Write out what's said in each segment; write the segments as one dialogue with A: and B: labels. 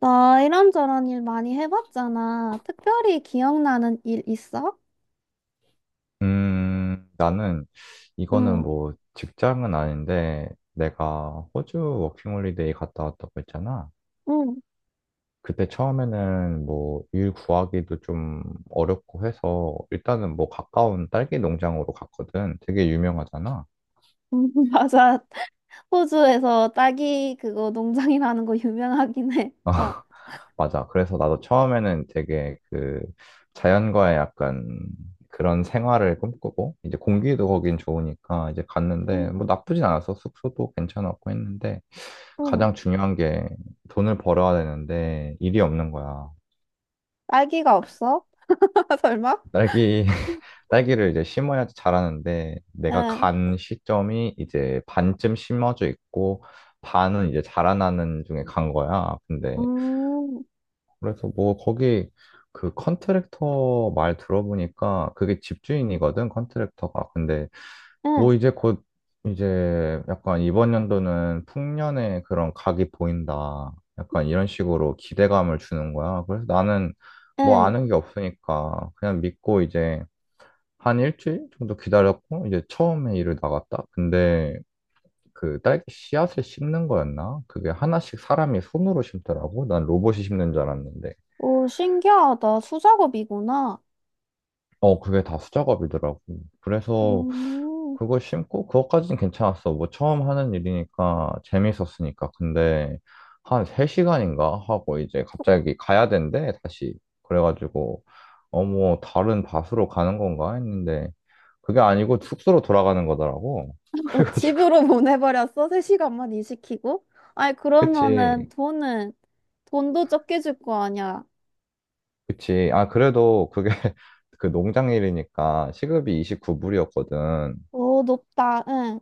A: 나 이런저런 일 많이 해봤잖아. 특별히 기억나는 일 있어?
B: 나는 이거는
A: 응,
B: 뭐 직장은 아닌데 내가 호주 워킹홀리데이 갔다 왔다고 했잖아.
A: 응.
B: 그때 처음에는 뭐 일 구하기도 좀 어렵고 해서 일단은 뭐 가까운 딸기 농장으로 갔거든. 되게 유명하잖아.
A: 맞아. 호주에서 딸기 그거 농장이라는 거 유명하긴 해. 어.
B: 맞아. 그래서 나도 처음에는 되게 그 자연과의 약간 그런 생활을 꿈꾸고 이제 공기도 거긴 좋으니까 이제 갔는데 뭐
A: 응,
B: 나쁘진 않았어. 숙소도 괜찮았고 했는데
A: 응.
B: 가장 중요한 게 돈을 벌어야 되는데 일이 없는 거야.
A: 딸기가 없어? 설마?
B: 딸기 딸기를 이제 심어야지 자라는데 내가
A: 응.
B: 간 시점이 이제 반쯤 심어져 있고 반은 이제 자라나는 중에 간 거야. 근데
A: 음,
B: 그래서 뭐 거기 그 컨트랙터 말 들어보니까 그게 집주인이거든, 컨트랙터가. 근데
A: 응,
B: 뭐 이제 곧 이제 약간 이번 연도는 풍년의 그런 각이 보인다. 약간 이런 식으로 기대감을 주는 거야. 그래서 나는 뭐
A: 응.
B: 아는 게 없으니까 그냥 믿고 이제 한 일주일 정도 기다렸고 이제 처음에 일을 나갔다. 근데 그 딸기 씨앗을 심는 거였나? 그게 하나씩 사람이 손으로 심더라고. 난 로봇이 심는 줄 알았는데.
A: 오, 신기하다. 수작업이구나.
B: 어, 그게 다 수작업이더라고. 그래서
A: 음,
B: 그걸 심고 그것까지는 괜찮았어. 뭐 처음 하는 일이니까 재밌었으니까. 근데 한 3시간인가 하고 이제 갑자기 가야 된대, 다시. 그래가지고 어, 뭐 다른 밭으로 가는 건가 했는데 그게 아니고 숙소로 돌아가는 거더라고.
A: 너
B: 그래가지고
A: 집으로 보내버렸어? 3시간만 일시키고? 아니, 그러면은
B: 그치,
A: 돈은, 돈도 적게 줄 거 아니야.
B: 그치. 아, 그래도 그게 그 농장 일이니까 시급이 29불이었거든.
A: 오, 높다. 응.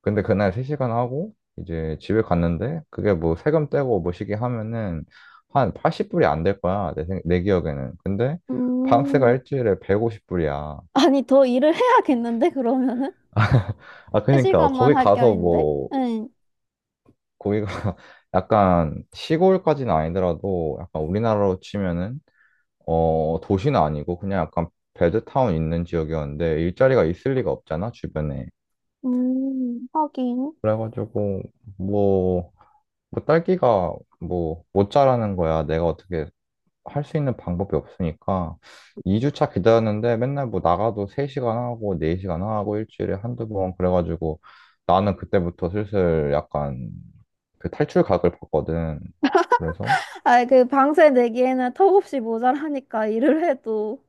B: 근데 그날 3시간 하고 이제 집에 갔는데 그게 뭐 세금 떼고 뭐 시기 하면은 한 80불이 안 될 거야. 내, 내 기억에는. 근데 방세가
A: 음.
B: 일주일에 150불이야.
A: 아니, 더 일을 해야겠는데, 그러면은?
B: 아,
A: 세 시
B: 그러니까
A: 간만
B: 거기
A: 할 게
B: 가서
A: 아닌데?
B: 뭐
A: 응.
B: 거기가 약간 시골까지는 아니더라도 약간 우리나라로 치면은 어, 도시는 아니고 그냥 약간 배드타운 있는 지역이었는데 일자리가 있을 리가 없잖아, 주변에.
A: 하긴.
B: 그래가지고 뭐 뭐 딸기가 뭐 못 자라는 거야. 내가 어떻게 할 수 있는 방법이 없으니까 2주차 기다렸는데 맨날 뭐 나가도 3시간 하고 4시간 하고 일주일에 한두 번 그래가지고 나는 그때부터 슬슬 약간 그 탈출각을 봤거든. 그래서
A: 아, 그 방세 내기에는 턱없이 모자라니까, 일을 해도.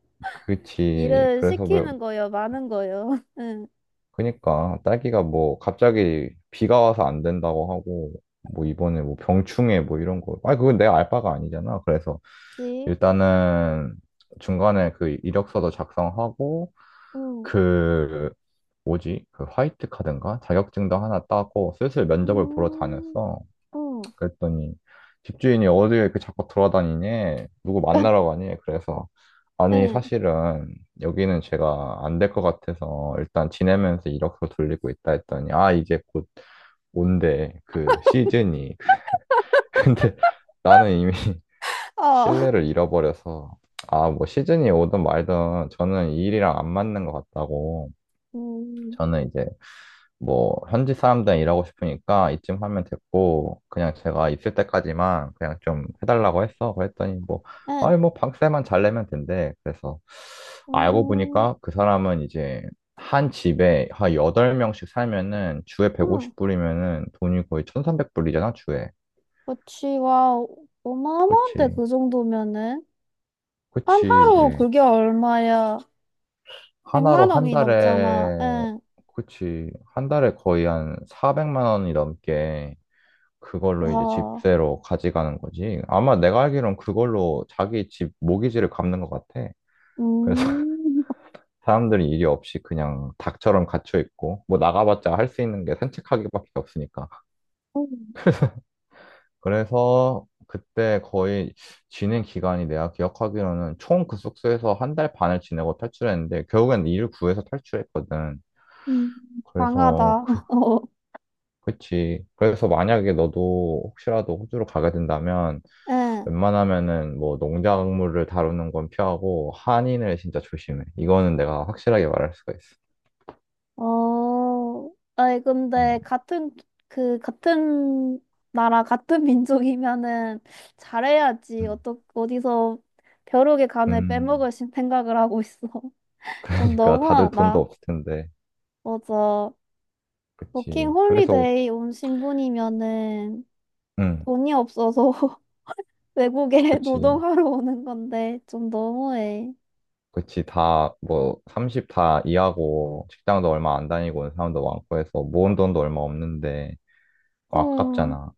B: 그치.
A: 일을
B: 그래서 왜
A: 시키는 거요, 많은 거요. 응.
B: 그니까 딸기가 뭐 갑자기 비가 와서 안 된다고 하고 뭐 이번에 뭐 병충해 뭐 이런 거. 아니 그건 내가 알 바가 아니잖아. 그래서
A: 그치?
B: 일단은 중간에 그 이력서도 작성하고
A: 응.
B: 그 뭐지? 그 화이트 카드인가? 자격증도 하나 따고 슬슬 면접을 보러
A: 음,
B: 다녔어.
A: 응.
B: 그랬더니 집주인이 어디에 이렇게 자꾸 돌아다니니? 누구 만나러 가니? 그래서 아니
A: 응.
B: 사실은 여기는 제가 안 될 것 같아서 일단 지내면서 이력서 돌리고 있다 했더니 아 이제 곧 온대 그 시즌이 근데 나는 이미
A: 어.
B: 신뢰를 잃어버려서 아 뭐 시즌이 오든 말든 저는 이 일이랑 안 맞는 것 같다고
A: 음,
B: 저는 이제 뭐 현지 사람들이랑 일하고 싶으니까 이쯤 하면 됐고 그냥 제가 있을 때까지만 그냥 좀 해달라고 했어. 그랬더니 뭐
A: 응.
B: 아니 뭐 방세만 잘 내면 된대. 그래서 알고
A: 음,
B: 보니까 그 사람은 이제 한 집에 한 8명씩 살면은 주에
A: 응.
B: 150불이면은 돈이 거의 1300불이잖아, 주에.
A: 그치, 와, 어마어마한데,
B: 그치.
A: 그 정도면은? 한
B: 그치.
A: 하루
B: 이제
A: 그게 얼마야? 백
B: 하나로
A: 만
B: 한
A: 원이 넘잖아.
B: 달에
A: 응.
B: 그치. 한 달에 거의 한 400만 원이 넘게 그걸로 이제
A: 와.
B: 집세로 가져가는 거지. 아마 내가 알기론 그걸로 자기 집 모기지를 갚는 것 같아. 그래서
A: 음.
B: 사람들이 일이 없이 그냥 닭처럼 갇혀 있고, 뭐 나가봤자 할 수 있는 게 산책하기밖에 없으니까. 그래서 그때 거의 지낸 기간이 내가 기억하기로는 총 그 숙소에서 한 달 반을 지내고 탈출했는데, 결국엔 일을 구해서 탈출했거든.
A: 음.
B: 그래서
A: 강하다.
B: 그,
A: 어.
B: 그치. 그래서 만약에 너도 혹시라도 호주로 가게 된다면,
A: 응.
B: 웬만하면은 뭐 농작물을 다루는 건 피하고 한인을 진짜 조심해. 이거는 내가 확실하게 말할 수가 있어.
A: 어. 아니
B: 음,
A: 근데 같은 그 같은 나라 같은 민족이면은 잘해야지.
B: 음.
A: 어떻 어디서 벼룩의 간을
B: 음,
A: 빼먹을 생각을 하고 있어. 좀
B: 그러니까 다들 돈도
A: 너무하다.
B: 없을 텐데,
A: 맞아. 워킹
B: 그치. 그래서,
A: 홀리데이 온 신분이면은
B: 음,
A: 돈이 없어서 외국에
B: 그치.
A: 노동하러 오는 건데 좀 너무해.
B: 그치. 다, 뭐, 30 다 이하고, 직장도 얼마 안 다니고 온 사람도 많고 해서, 모은 돈도 얼마 없는데,
A: 응,
B: 아깝잖아.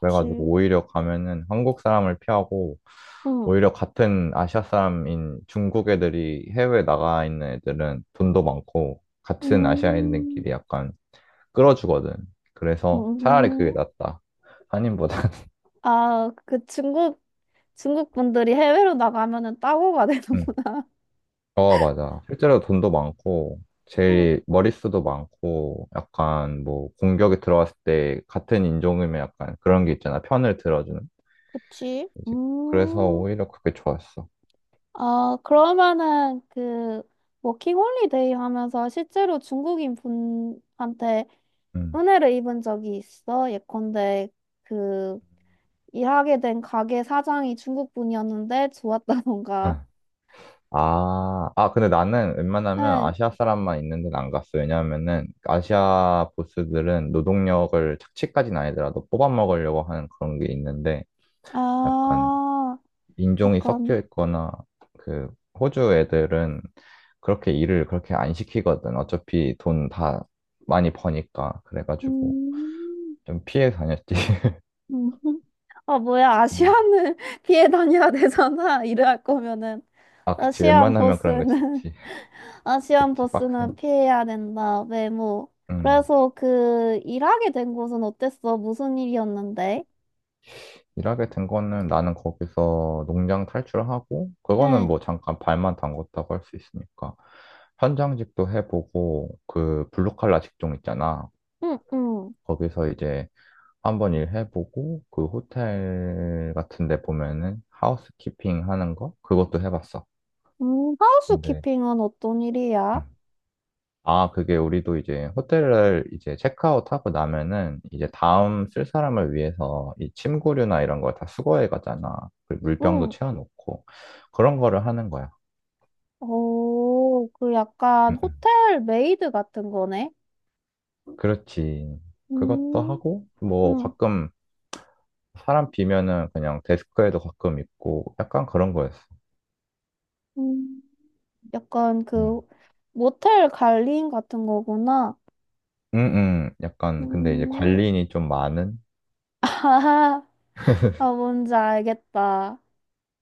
B: 그래가지고, 오히려 가면은 한국 사람을 피하고,
A: 응,
B: 오히려 같은 아시아 사람인 중국 애들이 해외에 나가 있는 애들은 돈도 많고 같은
A: 음,
B: 아시아인들끼리 약간 끌어주거든. 그래서 차라리 그게
A: 음.
B: 낫다. 한인보다는.
A: 아, 그 중국, 중국 분들이 해외로 나가면은 따고가
B: 응.
A: 되는구나.
B: 어, 맞아. 실제로 돈도 많고
A: 응,
B: 제일 머릿수도 많고 약간 뭐 공격이 들어왔을 때 같은 인종이면 약간 그런 게 있잖아. 편을 들어주는.
A: 그치.
B: 이제 그래서 오히려 그게 좋았어.
A: 아, 그러면은 그 워킹홀리데이 하면서 실제로 중국인 분한테
B: 응.
A: 은혜를 입은 적이 있어? 예컨대 그 일하게 된 가게 사장이 중국 분이었는데 좋았다던가
B: 응. 아, 아, 근데 나는 웬만하면
A: 응.
B: 아시아 사람만 있는 데는 안 갔어. 왜냐하면은 아시아 보스들은 노동력을 착취까지는 아니더라도 뽑아 먹으려고 하는 그런 게 있는데 약간
A: 아,
B: 인종이 섞여
A: 약간,
B: 있거나 그 호주 애들은 그렇게 일을 그렇게 안 시키거든. 어차피 돈 다 많이 버니까. 그래가지고
A: 음,
B: 좀 피해 다녔지.
A: 음. 아, 뭐야,
B: 음.
A: 아시안을 피해 다녀야 되잖아. 이럴 거면은.
B: 아, 그치.
A: 아시안
B: 웬만하면 그런 거
A: 보스는,
B: 진짜.
A: 아시안
B: 그치. 빡세니.
A: 보스는 피해야 된다. 외모.
B: 음.
A: 그래서 그, 일하게 된 곳은 어땠어? 무슨 일이었는데?
B: 일하게 된 거는 나는 거기서 농장 탈출하고, 그거는
A: 응,
B: 뭐 잠깐 발만 담궜다고 할 수 있으니까. 현장직도 해보고, 그 블루칼라 직종 있잖아.
A: 응, 응.
B: 거기서 이제 한번 일해보고, 그 호텔 같은 데 보면은 하우스키핑 하는 거? 그것도 해봤어. 근데
A: 하우스키핑은 어떤 일이야?
B: 응. 아, 그게 우리도 이제 호텔을 이제 체크아웃하고 나면은 이제 다음 쓸 사람을 위해서 이 침구류나 이런 걸 다 수거해 가잖아. 그 물병도
A: 응.
B: 채워놓고 그런 거를 하는 거야.
A: 오, 그 약간
B: 음,
A: 호텔 메이드 같은 거네?
B: 그렇지. 그것도
A: 음,
B: 하고 뭐
A: 응.
B: 가끔 사람 비면은 그냥 데스크에도 가끔 있고 약간 그런 거였어.
A: 응 약간
B: 음,
A: 그 모텔 관리인 같은 거구나.
B: 음, 약간 근데 이제
A: 음,
B: 관리인이 좀 많은
A: 아, 아, 뭔지 알겠다.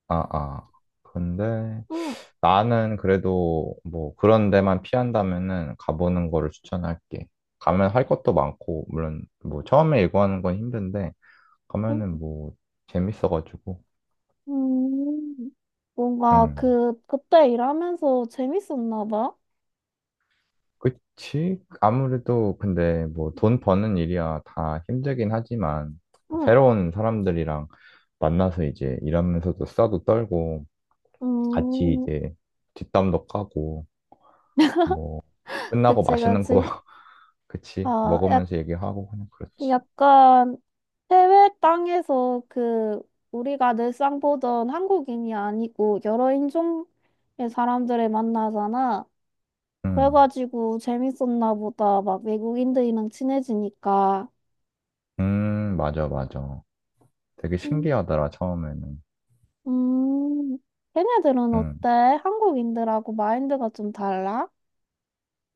B: 아, 아. 근데
A: 응,
B: 나는 그래도 뭐 그런 데만 피한다면은 가보는 거를 추천할게. 가면 할 것도 많고, 물론 뭐 처음에 일과하는 건 힘든데,
A: 응.
B: 가면은 뭐 재밌어가지고.
A: 음, 뭔가
B: 응.
A: 그 그때 일하면서 재밌었나 봐.
B: 그치? 아무래도 근데 뭐 돈 버는 일이야 다 힘들긴 하지만,
A: 응,
B: 새로운 사람들이랑 만나서 이제 일하면서도 싸도 떨고, 같이
A: 음,
B: 이제 뒷담도 까고, 뭐 끝나고
A: 그치,
B: 맛있는 거
A: 그치.
B: 그치?
A: 아, 약,
B: 먹으면서 얘기하고 그냥 그렇지.
A: 약간 해외 땅에서 그 우리가 늘상 보던 한국인이 아니고 여러 인종의 사람들을 만나잖아.
B: 음,
A: 그래가지고 재밌었나 보다. 막 외국인들이랑 친해지니까.
B: 맞아, 맞아. 되게
A: 음.
B: 신기하더라, 처음에는.
A: 음, 걔네들은
B: 음,
A: 어때? 한국인들하고 마인드가 좀 달라?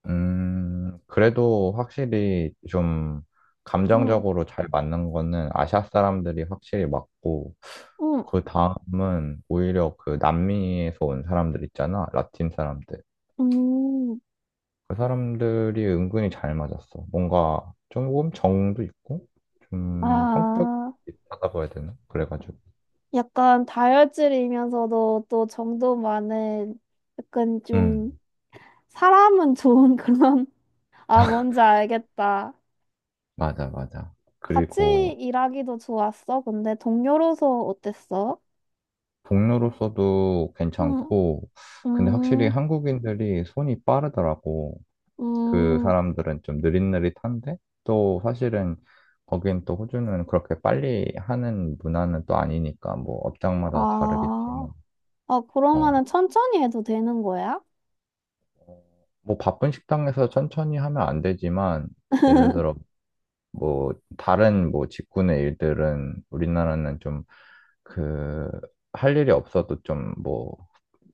B: 그래도 확실히 좀
A: 응,
B: 감정적으로 잘 맞는 거는 아시아 사람들이 확실히 맞고,
A: 응,
B: 그 다음은 오히려 그 남미에서 온 사람들 있잖아, 라틴 사람들.
A: 음.
B: 그 사람들이 은근히 잘 맞았어. 뭔가 조금 정도 있고, 좀 성격이
A: 아,
B: 있다고 해야 되나? 그래가지고.
A: 약간 다혈질이면서도 또 정도 많은 약간
B: 음.
A: 좀 사람은 좋은 그런, 아, 뭔지 알겠다.
B: 맞아, 맞아.
A: 같이
B: 그리고
A: 일하기도 좋았어. 근데 동료로서 어땠어?
B: 동료로서도
A: 응,
B: 괜찮고, 근데 확실히
A: 음,
B: 한국인들이 손이 빠르더라고. 그
A: 음.
B: 사람들은 좀 느릿느릿한데, 또 사실은 거긴 또 호주는 그렇게 빨리 하는 문화는 또 아니니까, 뭐 업장마다
A: 아,
B: 다르겠지만,
A: 아,
B: 어,
A: 그러면은 천천히 해도 되는 거야?
B: 뭐 바쁜 식당에서 천천히 하면 안 되지만, 예를 들어 뭐 다른 뭐 직군의 일들은 우리나라는 좀 그 할 일이 없어도 좀 뭐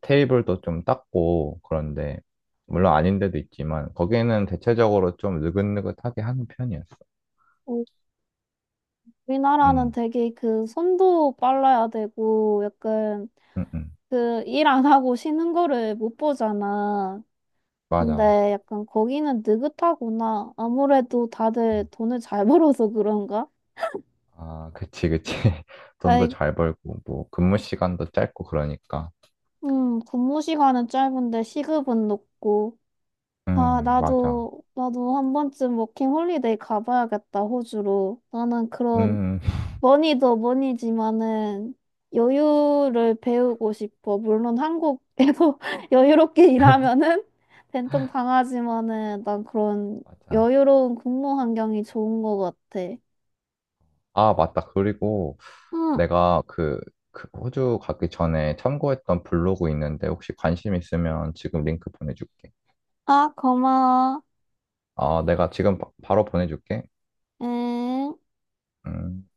B: 테이블도 좀 닦고 그런데 물론 아닌 데도 있지만 거기는 대체적으로 좀 느긋느긋하게 하는 편이었어.
A: 어, 우리나라는
B: 음,
A: 되게 그 손도 빨라야 되고 약간
B: 음, 음.
A: 그 일 안 하고 쉬는 거를 못 보잖아. 근데
B: 맞아.
A: 약간 거기는 느긋하구나. 아무래도 다들 돈을 잘 벌어서 그런가?
B: 아, 그치, 그치. 돈도
A: 아이,
B: 잘 벌고 뭐 근무 시간도 짧고 그러니까.
A: 근무 시간은 짧은데 시급은 높고. 아,
B: 맞아.
A: 나도, 나도 한 번쯤 워킹 홀리데이 가봐야겠다, 호주로. 나는 그런
B: 음,
A: 머니도 머니지만은 여유를 배우고 싶어. 물론 한국에도 여유롭게 일하면은 된통 당하지만은 난 그런
B: 맞아.
A: 여유로운 근무 환경이 좋은 것 같아.
B: 아, 맞다. 그리고
A: 응.
B: 내가 그, 그 호주 가기 전에 참고했던 블로그 있는데 혹시 관심 있으면 지금 링크 보내줄게.
A: 아, 고마워.
B: 아, 내가 지금 바, 로 보내줄게.
A: 응.
B: 음.